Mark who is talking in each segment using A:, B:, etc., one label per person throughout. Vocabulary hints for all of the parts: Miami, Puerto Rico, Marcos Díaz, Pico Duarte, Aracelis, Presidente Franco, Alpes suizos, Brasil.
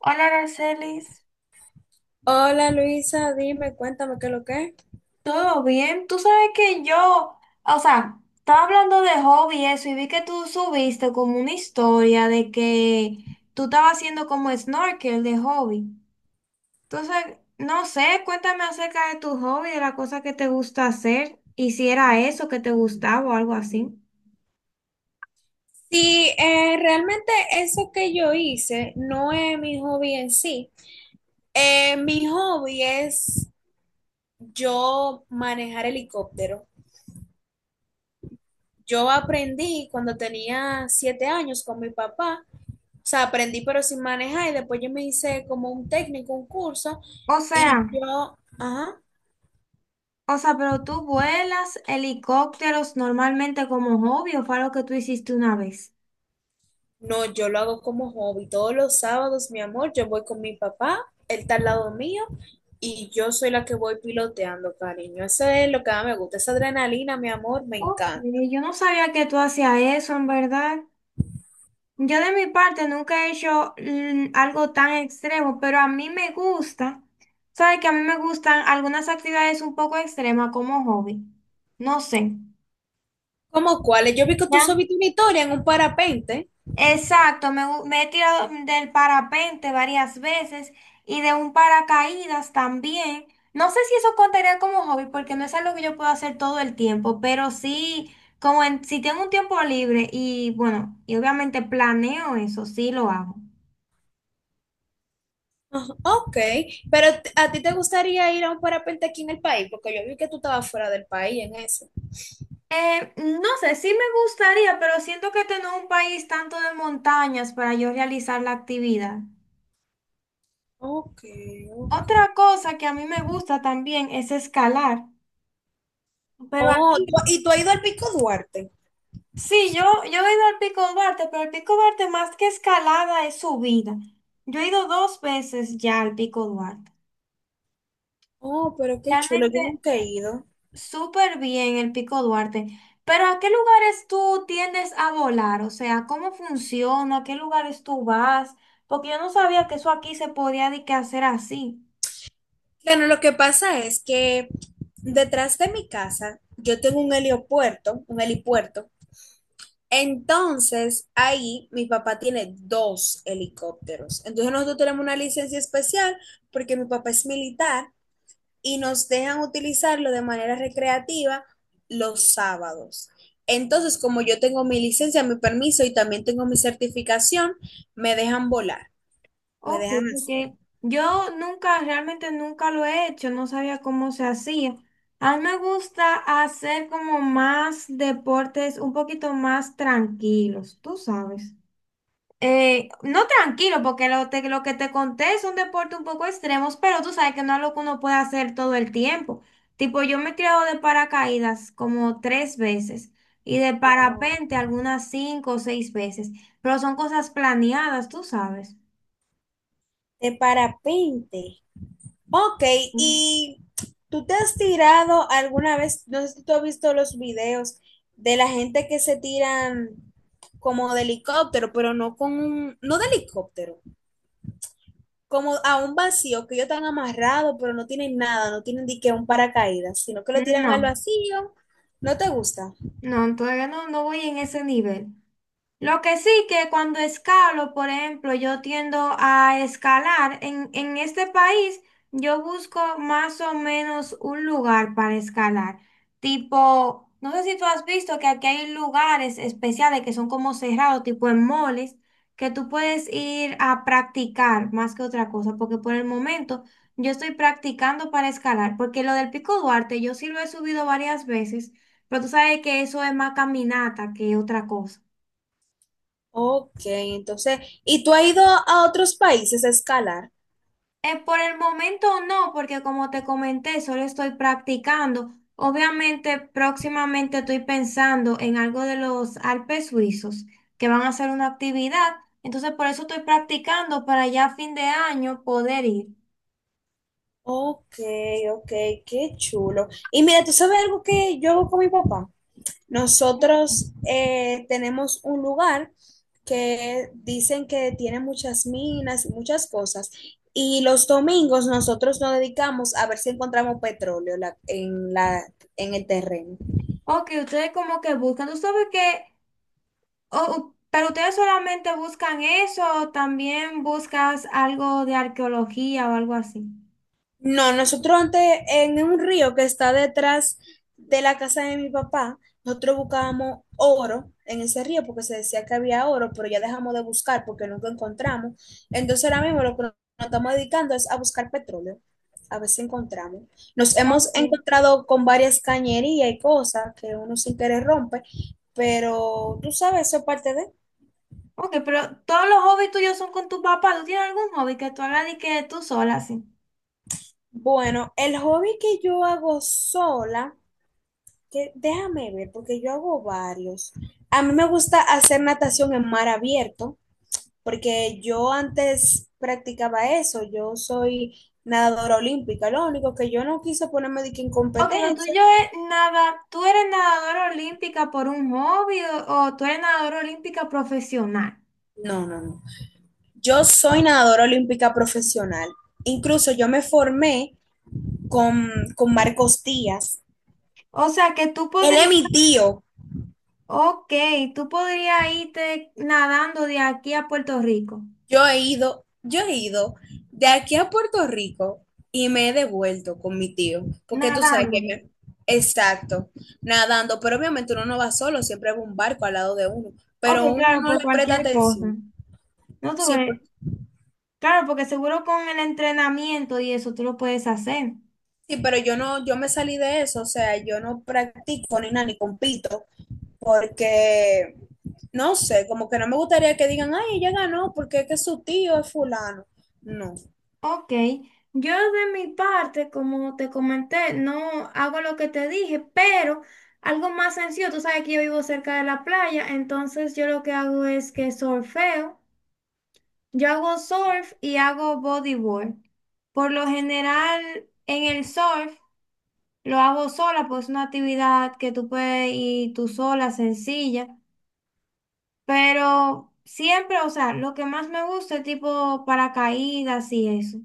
A: Hola, Aracelis.
B: Hola Luisa, dime, cuéntame qué es lo que es.
A: ¿Todo bien? Tú sabes que yo, o sea, estaba hablando de hobby y eso, y vi que tú subiste como una historia de que tú estabas haciendo como snorkel de hobby. Entonces, no sé, cuéntame acerca de tu hobby, de la cosa que te gusta hacer, y si era eso que te gustaba o algo así.
B: Sí, realmente eso que yo hice no es mi hobby en sí. Mi hobby es yo manejar helicóptero. Yo aprendí cuando tenía 7 años con mi papá. O sea, aprendí pero sin manejar y después yo me hice como un técnico, un curso
A: O
B: y
A: sea,
B: yo, ajá.
A: o sea, pero tú vuelas helicópteros normalmente como hobby o fue algo que tú hiciste una vez.
B: No, yo lo hago como hobby. Todos los sábados, mi amor, yo voy con mi papá, él está al lado mío y yo soy la que voy piloteando, cariño. Eso es lo que más me gusta, esa adrenalina, mi amor, me
A: Ok,
B: encanta.
A: yo no sabía que tú hacías eso, en verdad. Yo de mi parte nunca he hecho algo tan extremo, pero a mí me gusta, ¿sabes? Que a mí me gustan algunas actividades un poco extremas como hobby. No sé.
B: ¿Cómo cuáles? Yo vi que tú
A: ¿Ya?
B: subiste una historia en un parapente.
A: Exacto, me he tirado del parapente varias veces y de un paracaídas también. No sé si eso contaría como hobby porque no es algo que yo puedo hacer todo el tiempo, pero sí, si tengo un tiempo libre y bueno, y obviamente planeo eso, sí lo hago.
B: Ah, ok, pero ¿a ti te gustaría ir a un parapente aquí en el país? Porque yo vi que tú estabas fuera del país en eso.
A: No sé, sí me gustaría, pero siento que tengo un país tanto de montañas para yo realizar la actividad.
B: Ok, ok.
A: Otra cosa que a mí me gusta también es escalar. Pero
B: Oh,
A: aquí,
B: ¿y tú has ido al Pico Duarte?
A: sí, yo he ido al Pico Duarte, pero el Pico Duarte más que escalada es subida. Yo he ido dos veces ya al Pico Duarte.
B: Oh, pero qué chulo, yo
A: Realmente,
B: nunca he ido.
A: súper bien el Pico Duarte, pero ¿a qué lugares tú tiendes a volar? O sea, ¿cómo funciona? ¿A qué lugares tú vas? Porque yo no sabía que eso aquí se podía de que hacer así.
B: Bueno, lo que pasa es que detrás de mi casa yo tengo un helipuerto. Entonces, ahí mi papá tiene 2 helicópteros. Entonces, nosotros tenemos una licencia especial porque mi papá es militar y nos dejan utilizarlo de manera recreativa los sábados. Entonces, como yo tengo mi licencia, mi permiso y también tengo mi certificación, me dejan volar, me
A: Ok,
B: dejan hacer
A: porque yo nunca, realmente nunca lo he hecho, no sabía cómo se hacía. A mí me gusta hacer como más deportes un poquito más tranquilos, tú sabes. No tranquilo, porque lo que te conté son deportes un poco extremos, pero tú sabes que no es lo que uno puede hacer todo el tiempo. Tipo, yo me he tirado de paracaídas como tres veces y de
B: oh,
A: parapente algunas cinco o seis veces, pero son cosas planeadas, tú sabes.
B: de parapente. Ok,
A: Mm.
B: y tú te has tirado alguna vez, no sé si tú has visto los videos de la gente que se tiran como de helicóptero, pero no de helicóptero, como a un vacío que ellos están amarrados, pero no tienen nada, no tienen ni que un paracaídas, sino que lo tiran al
A: No,
B: vacío. ¿No te gusta?
A: no, todavía no, no voy en ese nivel. Lo que sí que cuando escalo, por ejemplo, yo tiendo a escalar. En este país yo busco más o menos un lugar para escalar. Tipo, no sé si tú has visto que aquí hay lugares especiales que son como cerrados, tipo en moles, que tú puedes ir a practicar más que otra cosa, porque por el momento yo estoy practicando para escalar, porque lo del Pico Duarte yo sí lo he subido varias veces, pero tú sabes que eso es más caminata que otra cosa.
B: Ok, entonces, ¿y tú has ido a otros países a escalar?
A: Por el momento no, porque como te comenté, solo estoy practicando. Obviamente, próximamente estoy pensando en algo de los Alpes suizos, que van a hacer una actividad. Entonces, por eso estoy practicando para ya a fin de año poder ir.
B: Ok, ok, qué chulo. Y mira, ¿tú sabes algo que yo hago con mi papá? Nosotros tenemos un lugar que dicen que tiene muchas minas y muchas cosas. Y los domingos nosotros nos dedicamos a ver si encontramos petróleo en el terreno.
A: Ok, ustedes como que buscan, tú sabes que, pero ustedes solamente buscan eso o también buscas algo de arqueología o algo así.
B: No, nosotros antes en un río que está detrás de la casa de mi papá, nosotros buscábamos oro en ese río porque se decía que había oro, pero ya dejamos de buscar porque nunca encontramos. Entonces ahora mismo lo que nos estamos dedicando es a buscar petróleo, a ver si encontramos. Nos hemos
A: Ok.
B: encontrado con varias cañerías y cosas que uno sin querer rompe, pero tú sabes, eso es parte de...
A: Ok, pero todos los hobbies tuyos son con tu papá. ¿Tú tienes algún hobby que tú hagas y que tú sola, sí?
B: Bueno, el hobby que yo hago sola, que déjame ver, porque yo hago varios. A mí me gusta hacer natación en mar abierto, porque yo antes practicaba eso. Yo soy nadadora olímpica, lo único que yo no quise ponerme de que en
A: Ok, lo
B: competencia.
A: tuyo es nada. ¿Tú eres nadadora olímpica por un hobby o tú eres nadadora olímpica profesional?
B: No, no, no. Yo soy nadadora olímpica profesional. Incluso yo me formé con, con Marcos Díaz.
A: O sea, que tú
B: Él
A: podrías,
B: es mi tío.
A: ok, tú podrías irte nadando de aquí a Puerto Rico.
B: Yo he ido de aquí a Puerto Rico y me he devuelto con mi tío, porque tú sabes
A: Nadando.
B: que exacto, nadando, pero obviamente uno no va solo, siempre va un barco al lado de uno,
A: Ok,
B: pero uno
A: claro,
B: no
A: por
B: le presta
A: cualquier
B: atención.
A: cosa. No tú
B: Sí, por-
A: eres- Claro, porque seguro con el entrenamiento y eso tú lo puedes hacer.
B: sí, pero yo no, yo me salí de eso, o sea, yo no practico ni nada, ni compito, porque no sé, como que no me gustaría que digan, ay, ella ganó porque es que su tío es fulano. No.
A: Ok, yo de mi parte, como te comenté, no hago lo que te dije, pero algo más sencillo, tú sabes que yo vivo cerca de la playa, entonces yo lo que hago es que surfeo, yo hago surf y hago bodyboard. Por lo general, en el surf lo hago sola, pues es una actividad que tú puedes ir tú sola, sencilla, pero siempre, o sea, lo que más me gusta es tipo paracaídas y eso.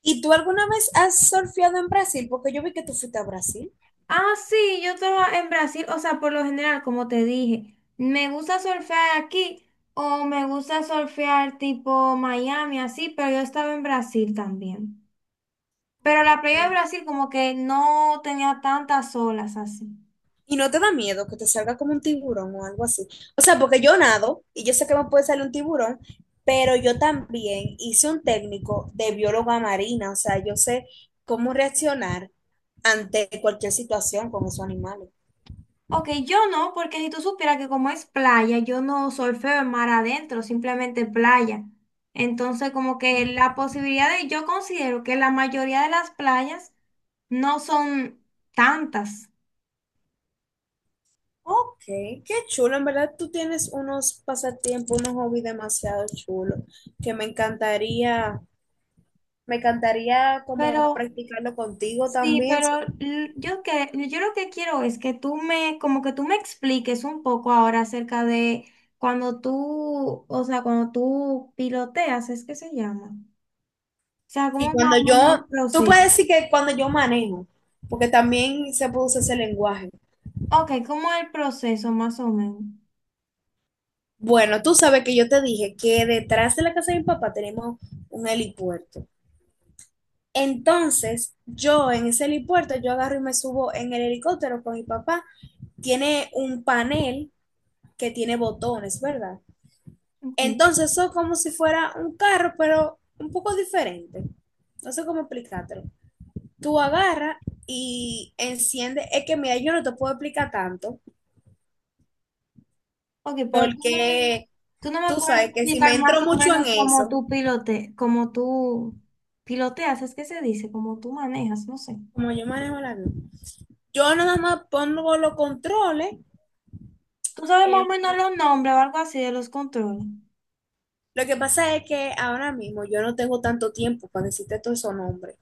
B: ¿Y tú alguna vez has surfeado en Brasil? Porque yo vi que tú fuiste a Brasil.
A: Ah, sí, yo estaba en Brasil, o sea, por lo general, como te dije, me gusta surfear aquí o me gusta surfear tipo Miami, así, pero yo estaba en Brasil también. Pero la playa de Brasil como que no tenía tantas olas así.
B: ¿Y no te da miedo que te salga como un tiburón o algo así? O sea, porque yo nado y yo sé que me puede salir un tiburón, pero yo también hice un técnico de bióloga marina. O sea, yo sé cómo reaccionar ante cualquier situación con esos animales.
A: Ok, yo no, porque si tú supieras que como es playa, yo no surfeo en mar adentro, simplemente playa. Entonces como que la posibilidad de, yo considero que la mayoría de las playas no son tantas.
B: Ok, qué chulo. En verdad, tú tienes unos pasatiempos, unos hobbies demasiado chulos que me encantaría como
A: Pero
B: practicarlo contigo
A: sí,
B: también.
A: pero yo que yo lo que quiero es que tú me como que tú me expliques un poco ahora acerca de cuando tú, o sea, cuando tú piloteas, es que se llama. O sea,
B: Y
A: cómo más
B: cuando
A: o menos el
B: yo, tú
A: proceso.
B: puedes decir que cuando yo manejo, porque también se produce ese lenguaje.
A: Ok, como el proceso más o menos.
B: Bueno, tú sabes que yo te dije que detrás de la casa de mi papá tenemos un helipuerto. Entonces, yo en ese helipuerto, yo agarro y me subo en el helicóptero con mi papá. Tiene un panel que tiene botones, ¿verdad?
A: Ok.
B: Entonces, eso es como si fuera un carro, pero un poco diferente. No sé cómo explicártelo. Tú agarras y enciendes. Es que, mira, yo no te puedo explicar tanto,
A: Ok, pero
B: porque
A: tú no me
B: tú
A: puedes
B: sabes que si
A: explicar
B: me
A: más
B: entro
A: o
B: mucho en
A: menos cómo
B: eso,
A: tú pilote, cómo tú piloteas, es que se dice, cómo tú manejas, no sé.
B: como yo manejo la vida, yo nada más pongo los controles.
A: Tú sabes más
B: eh,
A: o menos los nombres o algo así de los controles.
B: lo que pasa es que ahora mismo yo no tengo tanto tiempo para decirte todos esos nombres.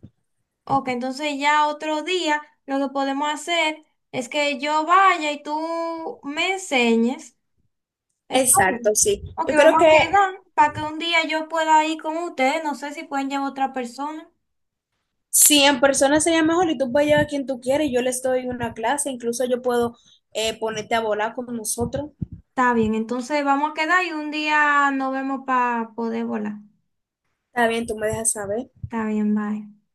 A: Ok, entonces ya otro día lo que podemos hacer es que yo vaya y tú me enseñes. Está
B: Exacto,
A: bien.
B: sí.
A: Ok,
B: Yo creo
A: vamos a
B: que
A: quedar para que un día yo pueda ir con ustedes. No sé si pueden llevar otra persona.
B: si en persona sería mejor y tú puedes llevar a quien tú quieres, yo les doy una clase, incluso yo puedo ponerte a volar con nosotros.
A: Está bien, entonces vamos a quedar y un día nos vemos para poder volar.
B: Está bien, tú me dejas saber.
A: Está bien, bye.